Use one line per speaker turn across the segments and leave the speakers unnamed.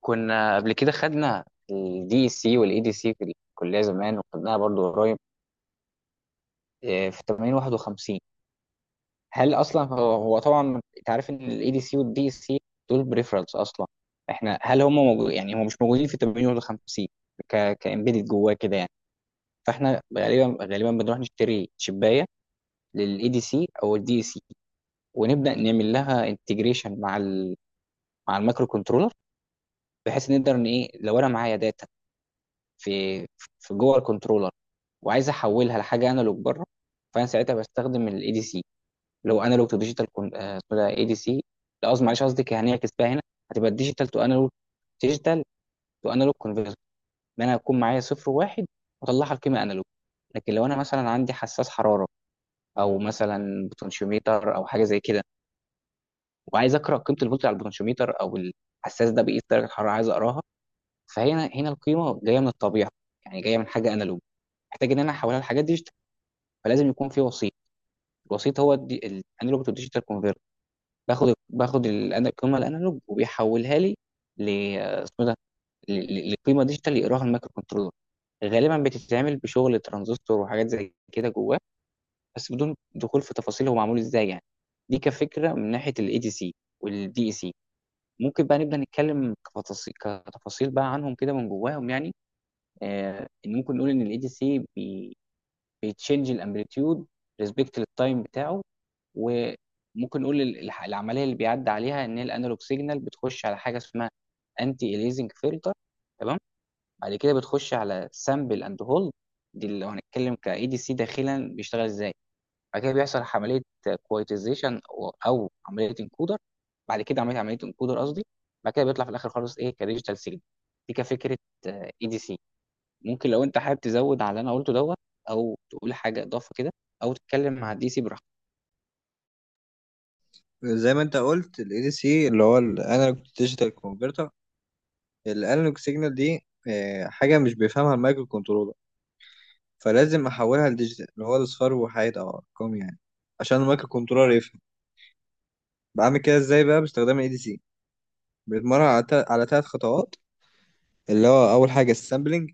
كنا قبل كده خدنا الدي اي سي والاي دي سي في الكليه زمان، وخدناها برضو قريب في 8051. هل اصلا هو طبعا انت عارف ان الاي دي سي والدي اي سي دول بريفرنس اصلا. احنا هل هم موجود؟ يعني هم مش موجودين في 8051 كامبيدد جواه كده يعني. فاحنا غالبا غالبا بنروح نشتري شبايه للاي دي سي او الدي اي سي، ونبدا نعمل لها انتجريشن مع المايكرو كنترولر، بحيث نقدر ان ايه لو انا معايا داتا في في جوه الكنترولر، وعايز احولها لحاجه انالوج بره، فانا ساعتها بستخدم الاي دي سي اللي هو انالوج تو ديجيتال. اي دي سي، لا قصدي، معلش قصدي كان هنعكس بقى هنا، هتبقى ديجيتال تو انالوج. ديجيتال تو انالوج كونفرتر، ان انا هكون معايا صفر وواحد واطلعها القيمه انالوج. لكن لو انا مثلا عندي حساس حراره او مثلا بوتنشيوميتر او حاجه زي كده، وعايز اقرا قيمه الفولت على البوتنشيوميتر، او الحساس ده بيقيس درجه حراره عايز اقراها، فهنا القيمه جايه من الطبيعه، يعني جايه من حاجه انالوج، محتاج ان انا احولها لحاجات ديجيتال، فلازم يكون في وسيط. الوسيط هو الانالوج تو ديجيتال كونفرتر. باخد القيمه الانالوج وبيحولها لي ل اسمه ده ل- ل- لقيمه ديجيتال يقراها المايكرو كنترولر. غالبا بتتعمل بشغل ترانزستور وحاجات زي كده جواه، بس بدون دخول في تفاصيل هو معمول ازاي يعني. دي كفكره من ناحيه الاي دي سي والدي اي سي. ممكن بقى نبدا نتكلم كتفاصيل كتفاصيل بقى عنهم كده من جواهم يعني. ان ممكن نقول ان الاي دي سي بيتشنج الامبليتيود ريسبكت للتايم بتاعه. وممكن نقول العمليه اللي بيعدي عليها ان هي الانالوج سيجنال بتخش على حاجه اسمها انتي اليزنج فلتر، تمام. بعد كده بتخش على سامبل اند هولد، دي اللي لو هنتكلم كاي دي سي داخلا بيشتغل ازاي. بعد كده بيحصل عمليه كويتيزيشن او عمليه انكودر. بعد كده عمليه انكودر قصدي. بعد كده بيطلع في الاخر خالص ايه كديجيتال سيجنال. دي كفكره اي دي سي. ممكن لو انت حابب تزود على اللي انا قلته دوت، او تقول حاجه اضافه كده، او تتكلم مع الدي سي براحتك.
زي ما انت قلت ال ADC اللي هو الانالوج ديجيتال كونفرتر. الانالوج سيجنال دي حاجه مش بيفهمها المايكرو كنترولر، فلازم احولها لديجيتال اللي هو الاصفار وحاجات او ارقام يعني، عشان المايكرو كنترولر يفهم. بعمل كده ازاي بقى باستخدام ال ADC؟ بنتمرن على على ثلاث خطوات، اللي هو اول حاجه السامبلنج،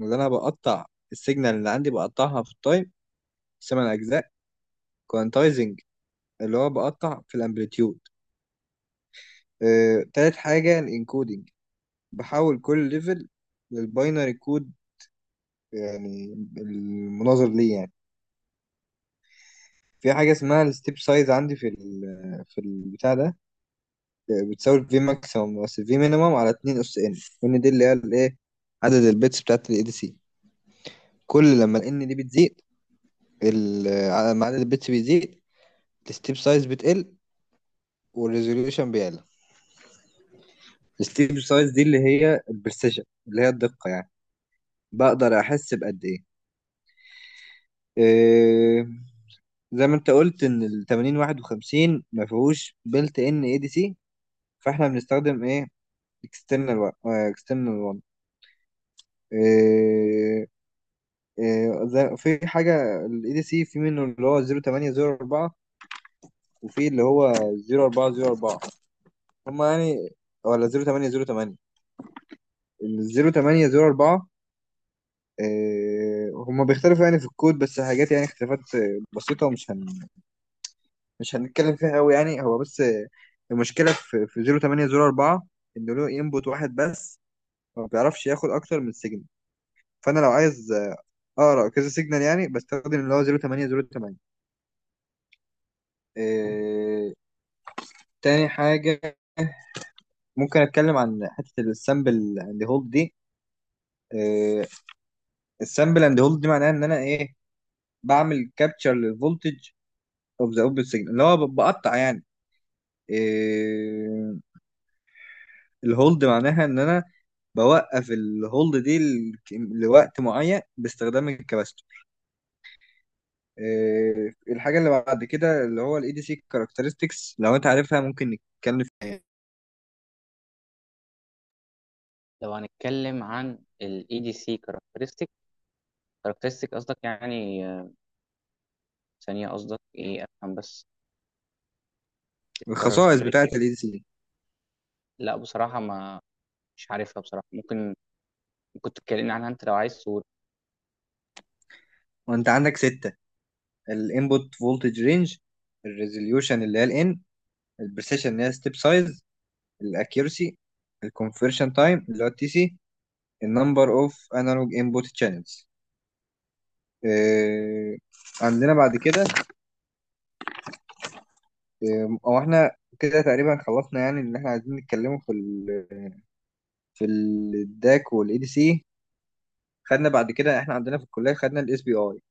اللي انا بقطع السيجنال اللي عندي، بقطعها في التايم ثمان اجزاء. كوانتايزنج، اللي هو بقطع في الامبليتيود. تالت حاجه الانكودنج، بحول كل ليفل للباينري كود يعني. المناظر ليه يعني، في حاجة اسمها الستيب سايز، عندي في ال في البتاع ده، بتساوي في ماكسيمم بس في مينيمم على 2 اس ان. ان دي اللي هي الايه، عدد البيتس بتاعت الاي دي سي. كل لما الان دي بتزيد، لما عدد البيتس بيزيد، الستيب سايز بتقل والريزوليوشن بيعلى. الستيب سايز دي اللي هي البرسيشن اللي هي الدقة يعني، بقدر احس بقد ايه. إيه، زي ما انت قلت ان ال 8051 ما فيهوش بلت ان اي دي سي، فاحنا بنستخدم ايه؟ اكسترنال 1. في حاجه الاي دي سي، في منه اللي هو 0804، وفي اللي هو 0404، هم يعني، ولا 0808. ال 0804 هم بيختلفوا يعني في الكود، بس حاجات يعني اختلافات بسيطه، مش هنتكلم فيها قوي يعني، هو بس المشكله في 0804 انه له انبوت واحد بس، ما بيعرفش ياخد اكتر من سيجنال. فانا لو عايز اه كذا سيجنال يعني، بستخدم اللي هو 08 08. آه تاني حاجة، ممكن اتكلم عن حتة السامبل اند هولد دي. آه، السامبل اند هولد دي معناها ان انا ايه، بعمل كابتشر للفولتج اوف ذا اوبن سيجنال اللي هو بقطع يعني. آه الهولد معناها ان انا بوقف الهولد دي لوقت معين باستخدام الكباستور. آه، الحاجة اللي بعد كده اللي هو الاي دي سي كاركترستكس، لو انت عارفها ممكن نتكلم في
لو هنتكلم عن ال EDC characteristic قصدك؟ يعني ثانية قصدك ايه افهم بس،
الخصائص بتاعة
الكاركترستيك.
الاي دي سي،
لا، بصراحة ما مش عارفها بصراحة، ممكن تتكلمني عنها انت لو عايز تقول.
وانت عندك ستة. الانبوت فولتج رينج، الريزوليوشن اللي هي الان، البريسيشن اللي هي ستيب سايز، الاكيورسي، الكونفرشن تايم اللي هو التي سي، النمبر اوف انالوج انبوت تشانلز. عندنا بعد كده او احنا كده تقريبا خلصنا يعني، ان احنا عايزين نتكلمه في ال في الداك والاي دي سي. خدنا بعد كده، احنا عندنا في الكليه خدنا الاس بي اي،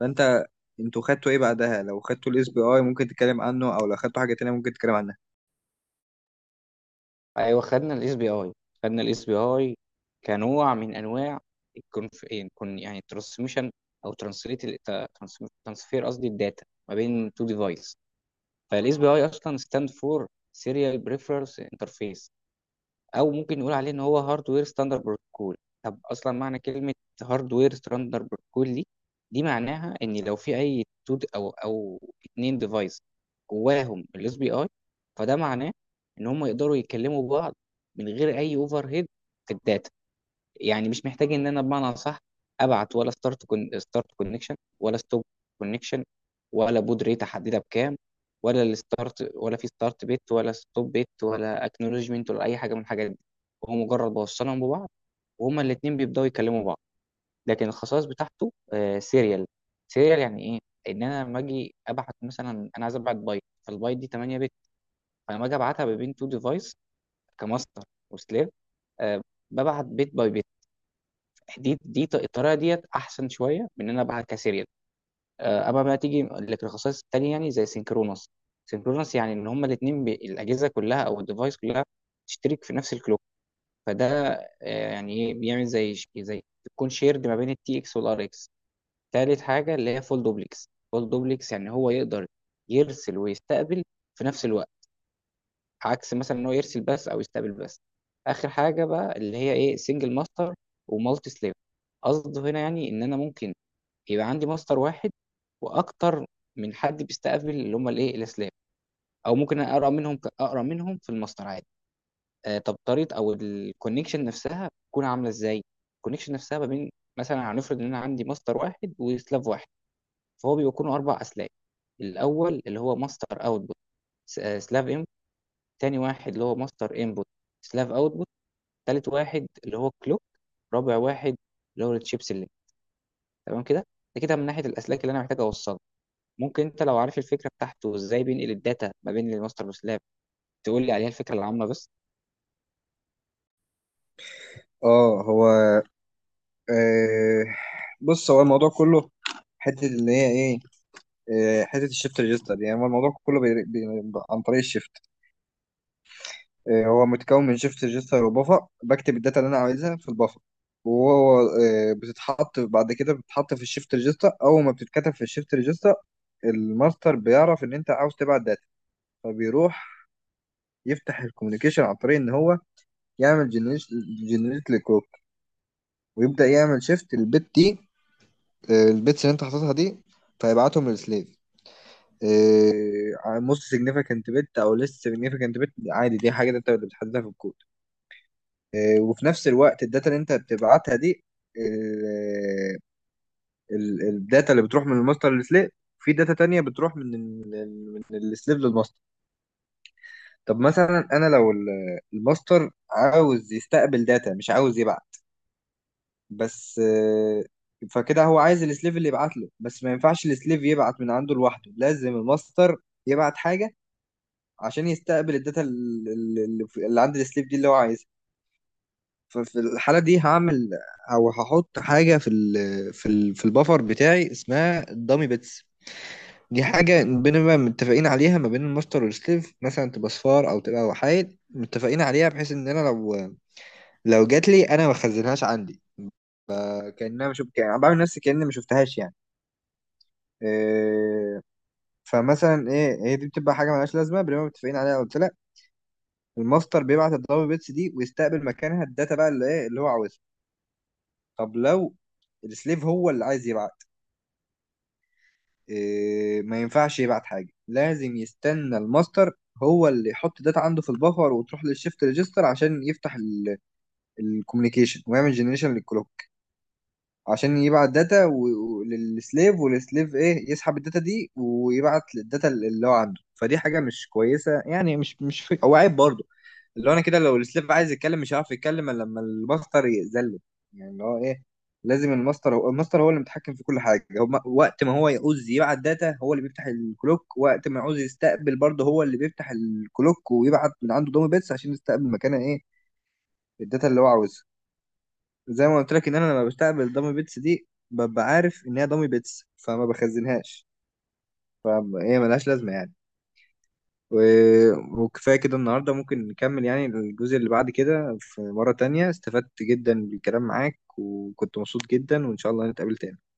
فانت انتوا خدتوا ايه بعدها؟ لو خدتوا الاس بي اي ممكن تتكلم عنه، او لو خدتوا حاجه تانية ممكن تتكلم عنها.
ايوه، خدنا الاس بي اي كنوع من انواع الكونف كون يعني ترانسميشن او ترانسليت ترانسفير قصدي الداتا ما بين تو ديفايس. فالاس بي اي اصلا ستاند فور سيريال بريفرنس انترفيس، او ممكن نقول عليه ان هو هاردوير ستاندرد بروتوكول. طب اصلا معنى كلمه هاردوير ستاندرد بروتوكول دي، معناها ان لو في اي تو او اتنين ديفايس جواهم الاس بي اي، فده معناه ان هم يقدروا يتكلموا بعض من غير اي اوفر هيد في الداتا. يعني مش محتاج ان انا بمعنى صح ابعت، ولا ستارت كونكشن، ولا ستوب كونكشن، ولا بود ريت احددها بكام، ولا الستارت، ولا في ستارت بيت، ولا ستوب بيت، ولا اكنولوجمنت، ولا اي حاجه من الحاجات دي. هو مجرد بوصلهم ببعض وهما الاثنين بيبداوا يكلموا بعض. لكن الخصائص بتاعته سيريال. سيريال يعني ايه؟ ان انا لما اجي ابعت مثلا، انا عايز ابعت بايت فالبايت دي 8 بت، فلما اجي ابعتها ما بين تو ديفايس كماستر وسليف، آه، ببعت بيت باي بيت. الطريقه ديت احسن شويه من ان انا ابعت كسيريال. اما بقى تيجي للرخصات التانيه يعني زي سينكرونس. سينكرونس يعني ان هما الاثنين الاجهزه كلها او الديفايس كلها تشترك في نفس الكلوك. فده، يعني ايه بيعمل زي زي تكون شيرد ما بين التي اكس والار اكس. تالت حاجه اللي هي فول دوبلكس. فول دوبلكس يعني هو يقدر يرسل ويستقبل في نفس الوقت، عكس مثلا ان هو يرسل بس او يستقبل بس. اخر حاجه بقى اللي هي ايه سنجل ماستر ومالتي سليف. قصده هنا يعني ان انا ممكن يبقى عندي مصدر واحد واكتر من حد بيستقبل اللي هم الايه الاسلام. او ممكن أنا اقرا منهم في المصدر عادي. طب طريقه او الكونكشن نفسها بتكون عامله ازاي؟ الكونكشن نفسها ما بين مثلا، هنفرض ان انا عندي مصدر واحد وسلاف واحد، فهو بيكونوا اربع اسلاك. الاول اللي هو ماستر اوتبوت سلاف انبوت. تاني واحد اللي هو ماستر انبوت سلاف اوتبوت. تالت واحد اللي هو كلوك. رابع واحد اللي هو التشيب سيلكت. تمام كده. ده كده من ناحيه الاسلاك اللي انا محتاج اوصلها. ممكن انت لو عارف الفكره بتاعته وازاي بينقل الداتا ما بين الماستر وسلاب، تقول لي عليها الفكره العامه بس.
اه هو، آه، بص هو الموضوع كله حته اللي هي ايه، حته الشيفت ريجستر. يعني هو الموضوع كله عن طريق الشيفت. آه، هو متكون من شيفت ريجستر وبفر، بكتب الداتا اللي انا عايزها في البفر، وهو بتتحط بعد كده بتتحط في الشيفت ريجستر. اول ما بتتكتب في الشيفت ريجستر، الماستر بيعرف ان انت عاوز تبعت داتا، فبيروح يفتح الكوميونيكيشن عن طريق ان هو يعمل جنريت للكروك، ويبدا يعمل شيفت البت دي، البيتس اللي انت حاططها دي، فيبعتهم للسليف. موست سيجنيفيكانت بت او ليست سيجنيفيكانت بت عادي، دي حاجه انت اللي بتحددها في الكود. وفي نفس الوقت الداتا اللي انت بتبعتها دي، آه، الداتا اللي بتروح من الماستر للسليف، في داتا تانية بتروح من من السليف للماستر. طب مثلا انا لو الماستر عاوز يستقبل داتا مش عاوز يبعت بس، فكده هو عايز السليف اللي يبعت له بس، ما ينفعش السليف يبعت من عنده لوحده، لازم الماستر يبعت حاجة عشان يستقبل الداتا اللي عند السليب دي اللي هو عايزها. ففي الحالة دي هعمل أو هحط حاجة في ال في ال في البفر بتاعي اسمها الدامي بيتس. دي حاجة بنبقى متفقين عليها ما بين الماستر والسليف، مثلا تبقى صفار أو تبقى وحايد، متفقين عليها، بحيث إن أنا لو جات لي أنا ما بخزنهاش عندي، كأنها ما شفت يعني، بعمل نفسي كأني ما شفتهاش يعني. إيه، فمثلا إيه هي دي بتبقى حاجة ملهاش لازمة، بنبقى متفقين عليها قلت لك. الماستر بيبعت الدبل بيتس دي ويستقبل مكانها الداتا بقى اللي ايه اللي هو عاوزها. طب لو السليف هو اللي عايز يبعت، إيه، ما ينفعش يبعت حاجه، لازم يستنى الماستر هو اللي يحط داتا عنده في البفر، وتروح للشيفت ريجستر عشان يفتح الكوميونيكيشن ويعمل جنريشن للكلوك عشان يبعت داتا للسليف، والسليف ايه يسحب الداتا دي، ويبعت للداتا اللي هو عنده. فدي حاجه مش كويسه يعني، مش مش فك... او عيب برضه، اللي هو انا كده لو السليف عايز يتكلم مش هيعرف يتكلم الا لما الماستر يأذله. يعني اللي هو ايه، لازم الماستر، هو الماستر هو اللي متحكم في كل حاجه، هو وقت ما هو يعوز يبعت داتا هو اللي بيفتح الكلوك، وقت ما يعوز يستقبل برضه هو اللي بيفتح الكلوك ويبعت من عنده دومي بيتس عشان يستقبل مكانها ايه الداتا اللي هو عاوزها. زي ما قلت لك ان انا لما بستقبل دومي بيتس دي ببقى عارف ان هي دومي بيتس فما بخزنهاش، فهي ملهاش لازمه يعني. و- وكفاية كده النهاردة، ممكن نكمل يعني الجزء اللي بعد كده في مرة تانية. استفدت جدا بالكلام معاك، وكنت مبسوط جدا، وإن شاء الله نتقابل تاني.